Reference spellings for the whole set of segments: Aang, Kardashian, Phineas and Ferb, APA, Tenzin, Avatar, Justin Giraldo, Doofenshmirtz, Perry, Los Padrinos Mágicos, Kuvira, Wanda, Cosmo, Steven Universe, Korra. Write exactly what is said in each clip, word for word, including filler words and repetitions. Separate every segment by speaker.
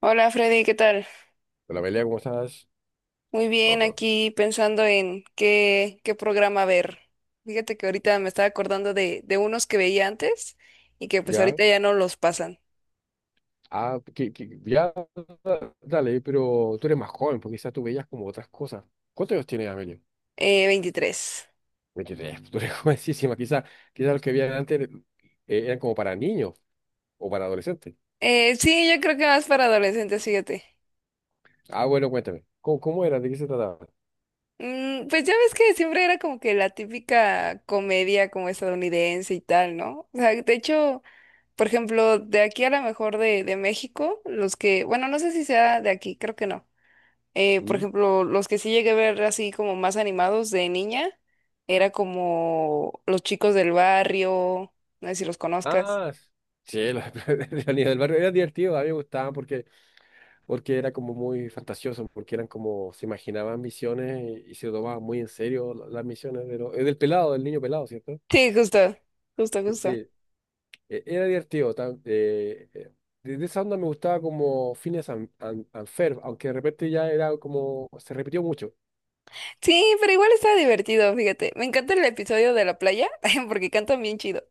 Speaker 1: Hola Freddy, ¿qué tal?
Speaker 2: Hola Amelia, ¿cómo estás?
Speaker 1: Muy bien,
Speaker 2: Oh.
Speaker 1: aquí pensando en qué, qué programa ver. Fíjate que ahorita me estaba acordando de, de unos que veía antes y que pues
Speaker 2: Ya.
Speaker 1: ahorita ya no los pasan.
Speaker 2: Ah, que, que- ya, dale, pero tú eres más joven, porque quizás tú veías como otras cosas. ¿Cuántos años tienes, Amelia?
Speaker 1: Eh, veintitrés.
Speaker 2: Veintitrés, tú eres jovencísima. Quizás quizás los que veían antes eh, eran como para niños o para adolescentes.
Speaker 1: Eh, sí, yo creo que más para adolescentes, fíjate.
Speaker 2: Ah, bueno, cuéntame, ¿cómo, cómo era? ¿De qué se trataba?
Speaker 1: Mm, pues ya ves que siempre era como que la típica comedia como estadounidense y tal, ¿no? O sea, de hecho, por ejemplo, de aquí a lo mejor de, de México, los que, bueno, no sé si sea de aquí, creo que no. Eh, por
Speaker 2: ¿Mm?
Speaker 1: ejemplo, los que sí llegué a ver así como más animados de niña, era como Los Chicos del Barrio, no sé si los conozcas.
Speaker 2: Ah, s- sí, los de la niña del barrio era divertido, a mí me gustaban porque, porque era como muy fantasioso, porque eran como, se imaginaban misiones y, y se tomaban muy en serio la- las misiones de lo- eh, del pelado, del niño pelado, cierto.
Speaker 1: Sí, justo, justo, justo.
Speaker 2: Sí, e- era divertido. Tam- eh, eh, desde esa onda me gustaba como Phineas and, and- and Ferb, aunque de repente ya era como, se repitió mucho.
Speaker 1: Sí, pero igual estaba divertido, fíjate. Me encanta el episodio de la playa porque cantan bien chido.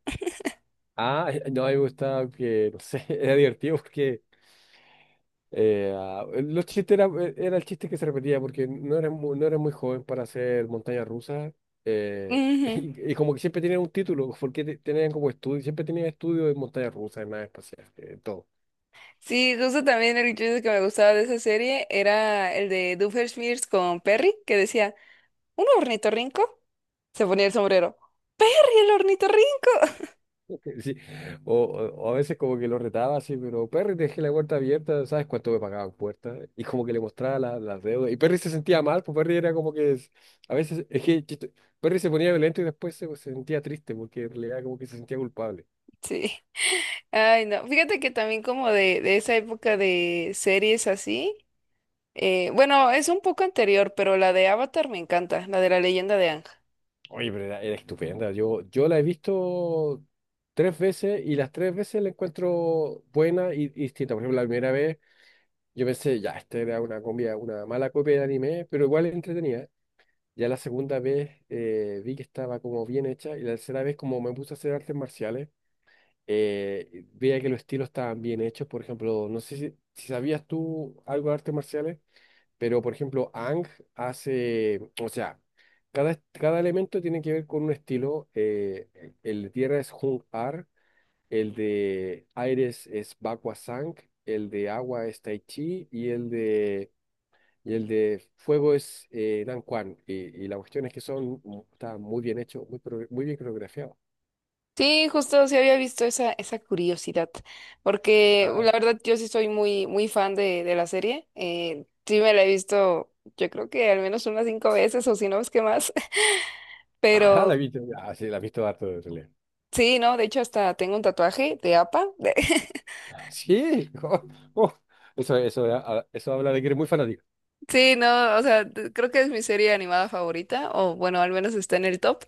Speaker 2: Ah, no, a mí me gustaba que, no sé, era divertido porque eh, ah, los chistes era, e, era el chiste que se repetía porque no eres muy, no eres muy joven para hacer montaña rusa, eh,
Speaker 1: Ujú.
Speaker 2: y, y como que siempre tenían un título, porque te- tenían como estudio, siempre tenían estudio de montaña rusa, de nave espacial, eh, todo.
Speaker 1: Sí, justo también el chiste que me gustaba de esa serie era el de Doofenshmirtz con Perry, que decía, ¿un ornitorrinco? Se ponía el sombrero. ¡Perry, el ornitorrinco!
Speaker 2: Sí. O, o- o a veces como que lo retaba así, pero Perry, te dejé la puerta abierta, ¿sabes cuánto me pagaba puerta? Y como que le mostraba la- las deudas. Y Perry se sentía mal, pues Perry era como que es- a veces, es que chiste- Perry se ponía violento y después se, se sentía triste porque en realidad como que se sentía culpable.
Speaker 1: Sí. Ay, no. Fíjate que también como de, de esa época de series así. Eh, bueno, es un poco anterior, pero la de Avatar me encanta, la de la leyenda de Aang.
Speaker 2: Oye, pero era, era estupenda. Yo, yo la he visto tres veces y las tres veces la encuentro buena y, y distinta. Por ejemplo, la primera vez yo pensé, ya, esta era una comida, una mala copia de anime, pero igual entretenida. Ya la segunda vez eh, vi que estaba como bien hecha y la tercera vez como me puse a hacer artes marciales, eh, veía que los estilos estaban bien hechos. Por ejemplo, no sé si, si sabías tú algo de artes marciales, pero por ejemplo, Ang hace, o sea, cada, est- cada elemento tiene que ver con un estilo. Eh, el el de tierra es Hung Ar, el de aire es, es Bakwa Sang, el de agua es Tai Chi y el de... Y el de fuego es eh, Dan Kwan. Y, y la cuestión es que son, está muy bien hecho, muy, pro- muy bien coreografiado.
Speaker 1: Sí, justo sí había visto esa, esa curiosidad, porque
Speaker 2: Ah,
Speaker 1: la verdad yo sí soy muy, muy fan de, de la serie. Eh, sí me la he visto, yo creo que al menos unas cinco veces o si no es que más,
Speaker 2: ajá, la he
Speaker 1: pero
Speaker 2: visto. Ah, sí, la he visto harto de realidad.
Speaker 1: sí, no, de hecho hasta tengo un tatuaje de A P A. de-
Speaker 2: Sí, oh, oh. Eso, eso, ah, ah, eso habla de que eres muy fanático.
Speaker 1: Sí, no, o sea, creo que es mi serie animada favorita, o bueno, al menos está en el top.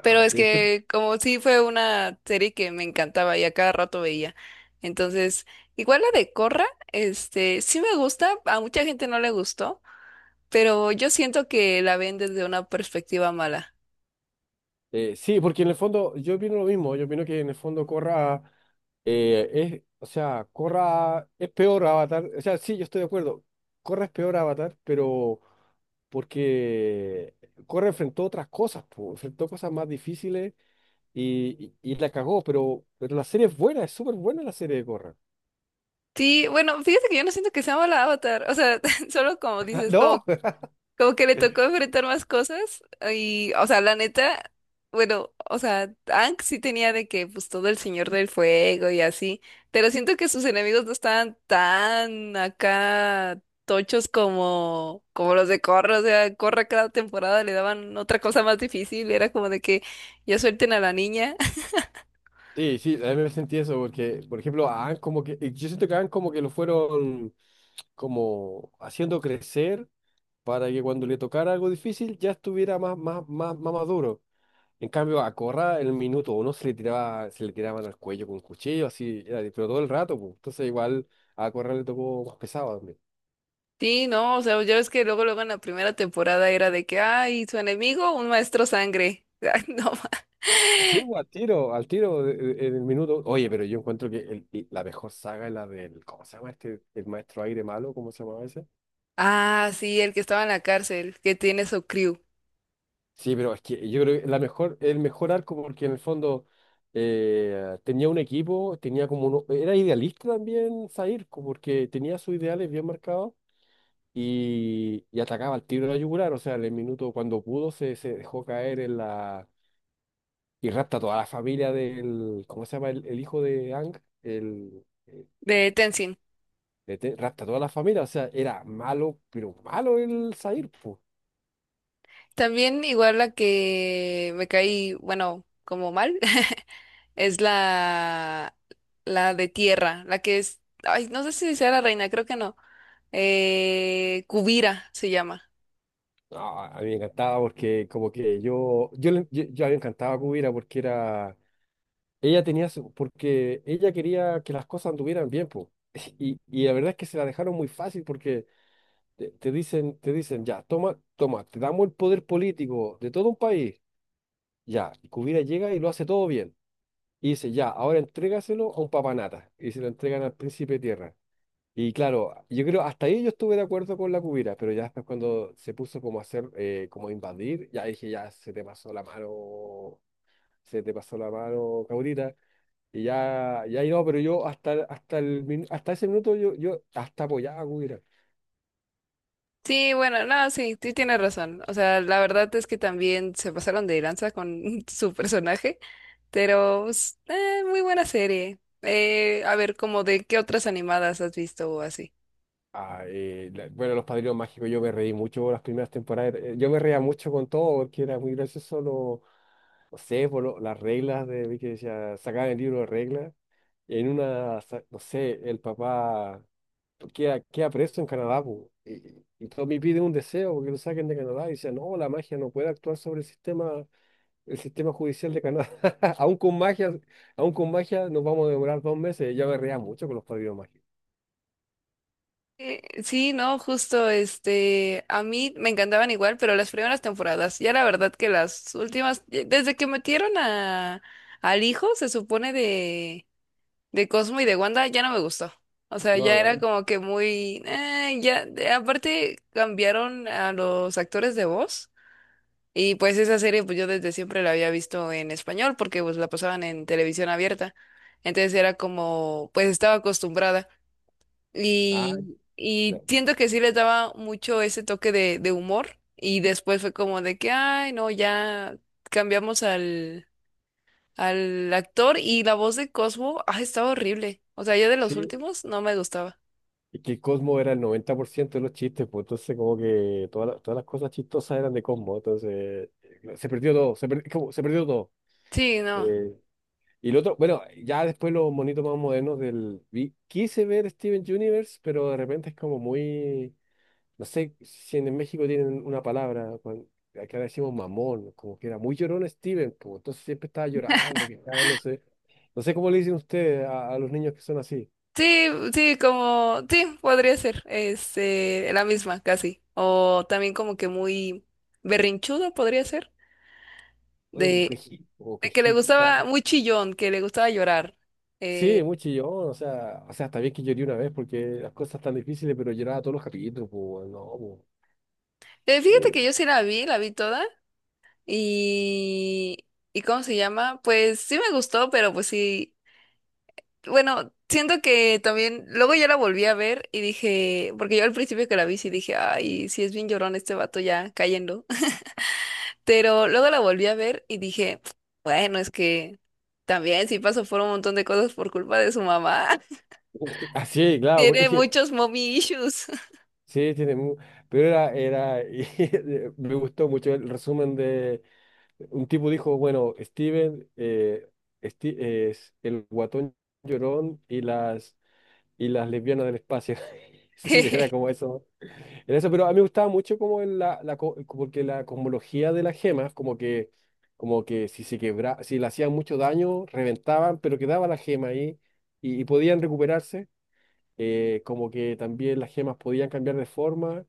Speaker 1: Pero es
Speaker 2: sí, es que
Speaker 1: que como sí fue una serie que me encantaba y a cada rato veía. Entonces, igual la de Corra, este, sí me gusta, a mucha gente no le gustó, pero yo siento que la ven desde una perspectiva mala.
Speaker 2: Eh, sí, porque en el fondo yo opino lo mismo, yo opino que en el fondo Corra eh, es, o sea, Corra es peor Avatar, o sea, sí, yo estoy de acuerdo, Corra es peor Avatar, pero porque Corra enfrentó otras cosas, po, enfrentó cosas más difíciles y, y, y la cagó, pero, pero la serie es buena, es súper buena la serie de Corra.
Speaker 1: Sí, bueno, fíjate que yo no siento que sea mala Avatar, o sea, solo como dices,
Speaker 2: No.
Speaker 1: como Como que le tocó enfrentar más cosas y, o sea, la neta, bueno, o sea, Aang sí tenía de que, pues, todo el Señor del Fuego y así, pero siento que sus enemigos no estaban tan acá tochos como, como los de Korra, o sea, Korra cada temporada le daban otra cosa más difícil, era como de que ya suelten a la niña.
Speaker 2: Sí, sí, a mí me sentí eso, porque, por ejemplo, a Aang como que, yo siento que a Aang como que lo fueron... como haciendo crecer para que cuando le tocara algo difícil ya estuviera más, más, más, más maduro. En cambio, a Corra en el minuto uno se le tiraba, se le tiraban al cuello con cuchillo, así, era pero todo el rato, pues. Entonces igual a Corra le tocó más pesado también.
Speaker 1: Sí, no, o sea, ya ves que luego, luego en la primera temporada era de que, ay, su enemigo, un maestro sangre. Ay, no.
Speaker 2: Sí, pues, al tiro, al tiro de- de- en el minuto. Oye, pero yo encuentro que el- y la mejor saga es la del, ¿cómo se llama este? El maestro aire malo, ¿cómo se llama ese?
Speaker 1: Ah, sí, el que estaba en la cárcel, que tiene su crew
Speaker 2: Sí, pero es que yo creo que la mejor, el mejor arco, porque en el fondo eh, tenía un equipo, tenía como uno, era idealista también Zair, co- porque tenía sus ideales bien marcados y, y atacaba al tiro de la yugular. O sea, en el minuto cuando pudo se, se dejó caer en la. Y rapta a toda la familia del. ¿Cómo se llama? El, el hijo de Ang, el, el-
Speaker 1: de Tenzin.
Speaker 2: de Te- rapta a toda la familia. O sea, era malo, pero malo el Zair.
Speaker 1: También igual la que me caí, bueno, como mal, es la, la de tierra, la que es, ay, no sé si sea la reina, creo que no. Eh, Kuvira se llama.
Speaker 2: No, a mí me encantaba porque como que yo, yo, le- yo, yo a mí me encantaba a Cubira porque era, ella tenía, su- porque ella quería que las cosas anduvieran bien, po. Y, y la verdad es que se la dejaron muy fácil porque te, te dicen, te dicen, ya, toma, toma, te damos el poder político de todo un país, ya, y Cubira llega y lo hace todo bien. Y dice, ya, ahora entrégaselo a un papanata. Y se lo entregan al príncipe de tierra. Y claro, yo creo, hasta ahí yo estuve de acuerdo con la cubira, pero ya después cuando se puso como a hacer, eh, como a invadir, ya dije, ya se te pasó la mano, se te pasó la mano, caudita, y ya, ya ahí no, pero yo hasta, hasta, el, min- hasta ese minuto yo, yo hasta apoyaba a cubira.
Speaker 1: Sí, bueno, no, sí, sí tienes razón. O sea, la verdad es que también se pasaron de lanza con su personaje, pero pues, eh, muy buena serie. Eh, a ver, como de qué otras animadas has visto o así.
Speaker 2: Ah, eh, la- bueno, Los Padrinos Mágicos, yo me reí mucho las primeras temporadas, eh, yo me reía mucho con todo, porque era muy gracioso, lo, no sé, por lo- las reglas de, vi que decía, sacaban el libro de reglas, en una, sa- no sé, el papá... queda, queda preso en Canadá, po. Y, y Tommy pide un deseo porque lo saquen de Canadá y dice, no, la magia no puede actuar sobre el sistema, el sistema judicial de Canadá. Aún con magia, aún con magia nos vamos a demorar dos meses. Ya me reía mucho con los padrinos mágicos.
Speaker 1: Eh, sí, no, justo, este, a mí me encantaban igual, pero las primeras temporadas, ya la verdad que las últimas, eh, desde que metieron a, al hijo, se supone de Cosmo y de Wanda ya no me gustó. O sea, ya
Speaker 2: No,
Speaker 1: era
Speaker 2: no.
Speaker 1: como que muy... eh, ya, de- aparte cambiaron a los actores de voz y pues esa serie pues yo desde siempre la había visto en español porque pues la pasaban en televisión abierta. Entonces era como, pues estaba acostumbrada
Speaker 2: Ah,
Speaker 1: y, y
Speaker 2: claro.
Speaker 1: siento que sí les daba mucho ese toque de, de humor y después fue como de que, ay, no, ya cambiamos al al actor y la voz de Cosmo, ah, estaba horrible. O sea, yo de los
Speaker 2: Sí,
Speaker 1: últimos no me gustaba.
Speaker 2: y que Cosmo era el noventa por ciento de los chistes, pues entonces como que todas las, todas las cosas chistosas eran de Cosmo, entonces eh, se, perdió todo, se, per- como- se perdió todo.
Speaker 1: Sí, no.
Speaker 2: Eh, Y el otro, bueno, ya después los monitos más modernos del... vi- Quise ver Steven Universe, pero de repente es como muy... No sé si en México tienen una palabra, cuan- acá le decimos mamón, como que era muy llorón Steven, como entonces siempre estaba llorando, quejándose. No sé cómo le dicen ustedes a, a los niños que son así,
Speaker 1: Sí, sí, como, sí, podría ser, este, la misma, casi. O también como que muy berrinchudo podría ser,
Speaker 2: o
Speaker 1: de,
Speaker 2: queji- o
Speaker 1: de que le
Speaker 2: quejica.
Speaker 1: gustaba, muy chillón, que le gustaba llorar.
Speaker 2: Sí,
Speaker 1: Eh,
Speaker 2: muy chillón, o sea, o sea, está bien que lloré una vez porque las cosas están difíciles, pero lloraba todos los capítulos, pues, no,
Speaker 1: eh,
Speaker 2: pues.
Speaker 1: fíjate
Speaker 2: Eh,
Speaker 1: que yo sí la vi, la vi toda, y, ¿y cómo se llama? Pues sí me gustó, pero pues sí. Bueno, siento que también, luego ya la volví a ver y dije, porque yo al principio que la vi sí dije, ay, sí es bien llorón este vato ya cayendo, pero luego la volví a ver y dije, bueno, es que también sí pasó por un montón de cosas por culpa de su mamá,
Speaker 2: Así, claro, porque
Speaker 1: tiene
Speaker 2: es que
Speaker 1: muchos mommy issues.
Speaker 2: sí, tiene mu- pero era, era, y me gustó mucho el resumen de, un tipo dijo, bueno, Steven eh, Sti- es el guatón llorón y las, y las lesbianas del espacio. Sí, era como eso, era eso, pero a mí me gustaba mucho como el- la, la, co- porque la cosmología de las gemas, como que, como que si se quebra, si le hacían mucho daño, reventaban, pero quedaba la gema ahí y y podían recuperarse eh, como que también las gemas podían cambiar de forma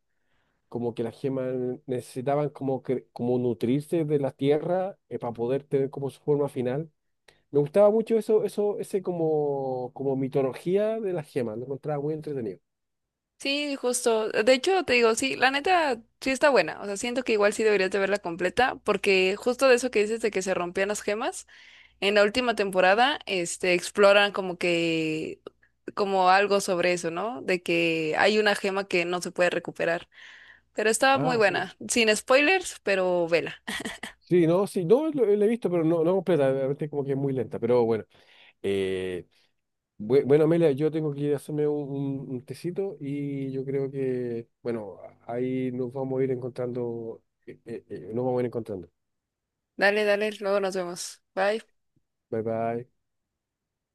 Speaker 2: como que las gemas necesitaban como, que, como nutrirse de la tierra eh, para poder tener como su forma final. Me gustaba mucho eso, eso, ese como, como mitología de las gemas, lo encontraba muy entretenido.
Speaker 1: Sí, justo, de hecho te digo, sí, la neta sí está buena, o sea, siento que igual sí deberías de verla completa, porque justo de eso que dices de que se rompían las gemas. En la última temporada, este, exploran como que como algo sobre eso, ¿no? De que hay una gema que no se puede recuperar. Pero está muy
Speaker 2: Ah, sí.
Speaker 1: buena. Sin spoilers, pero vela.
Speaker 2: Sí, no, sí, no, lo, lo he visto, pero no, no completa, realmente como que es muy lenta, pero bueno. Eh, bue- bueno, Amelia, yo tengo que ir a hacerme un, un- un tecito y yo creo que, bueno, ahí nos vamos a ir encontrando, eh, eh, eh, nos vamos a ir encontrando.
Speaker 1: Dale, dale, luego nos vemos. Bye.
Speaker 2: Bye bye.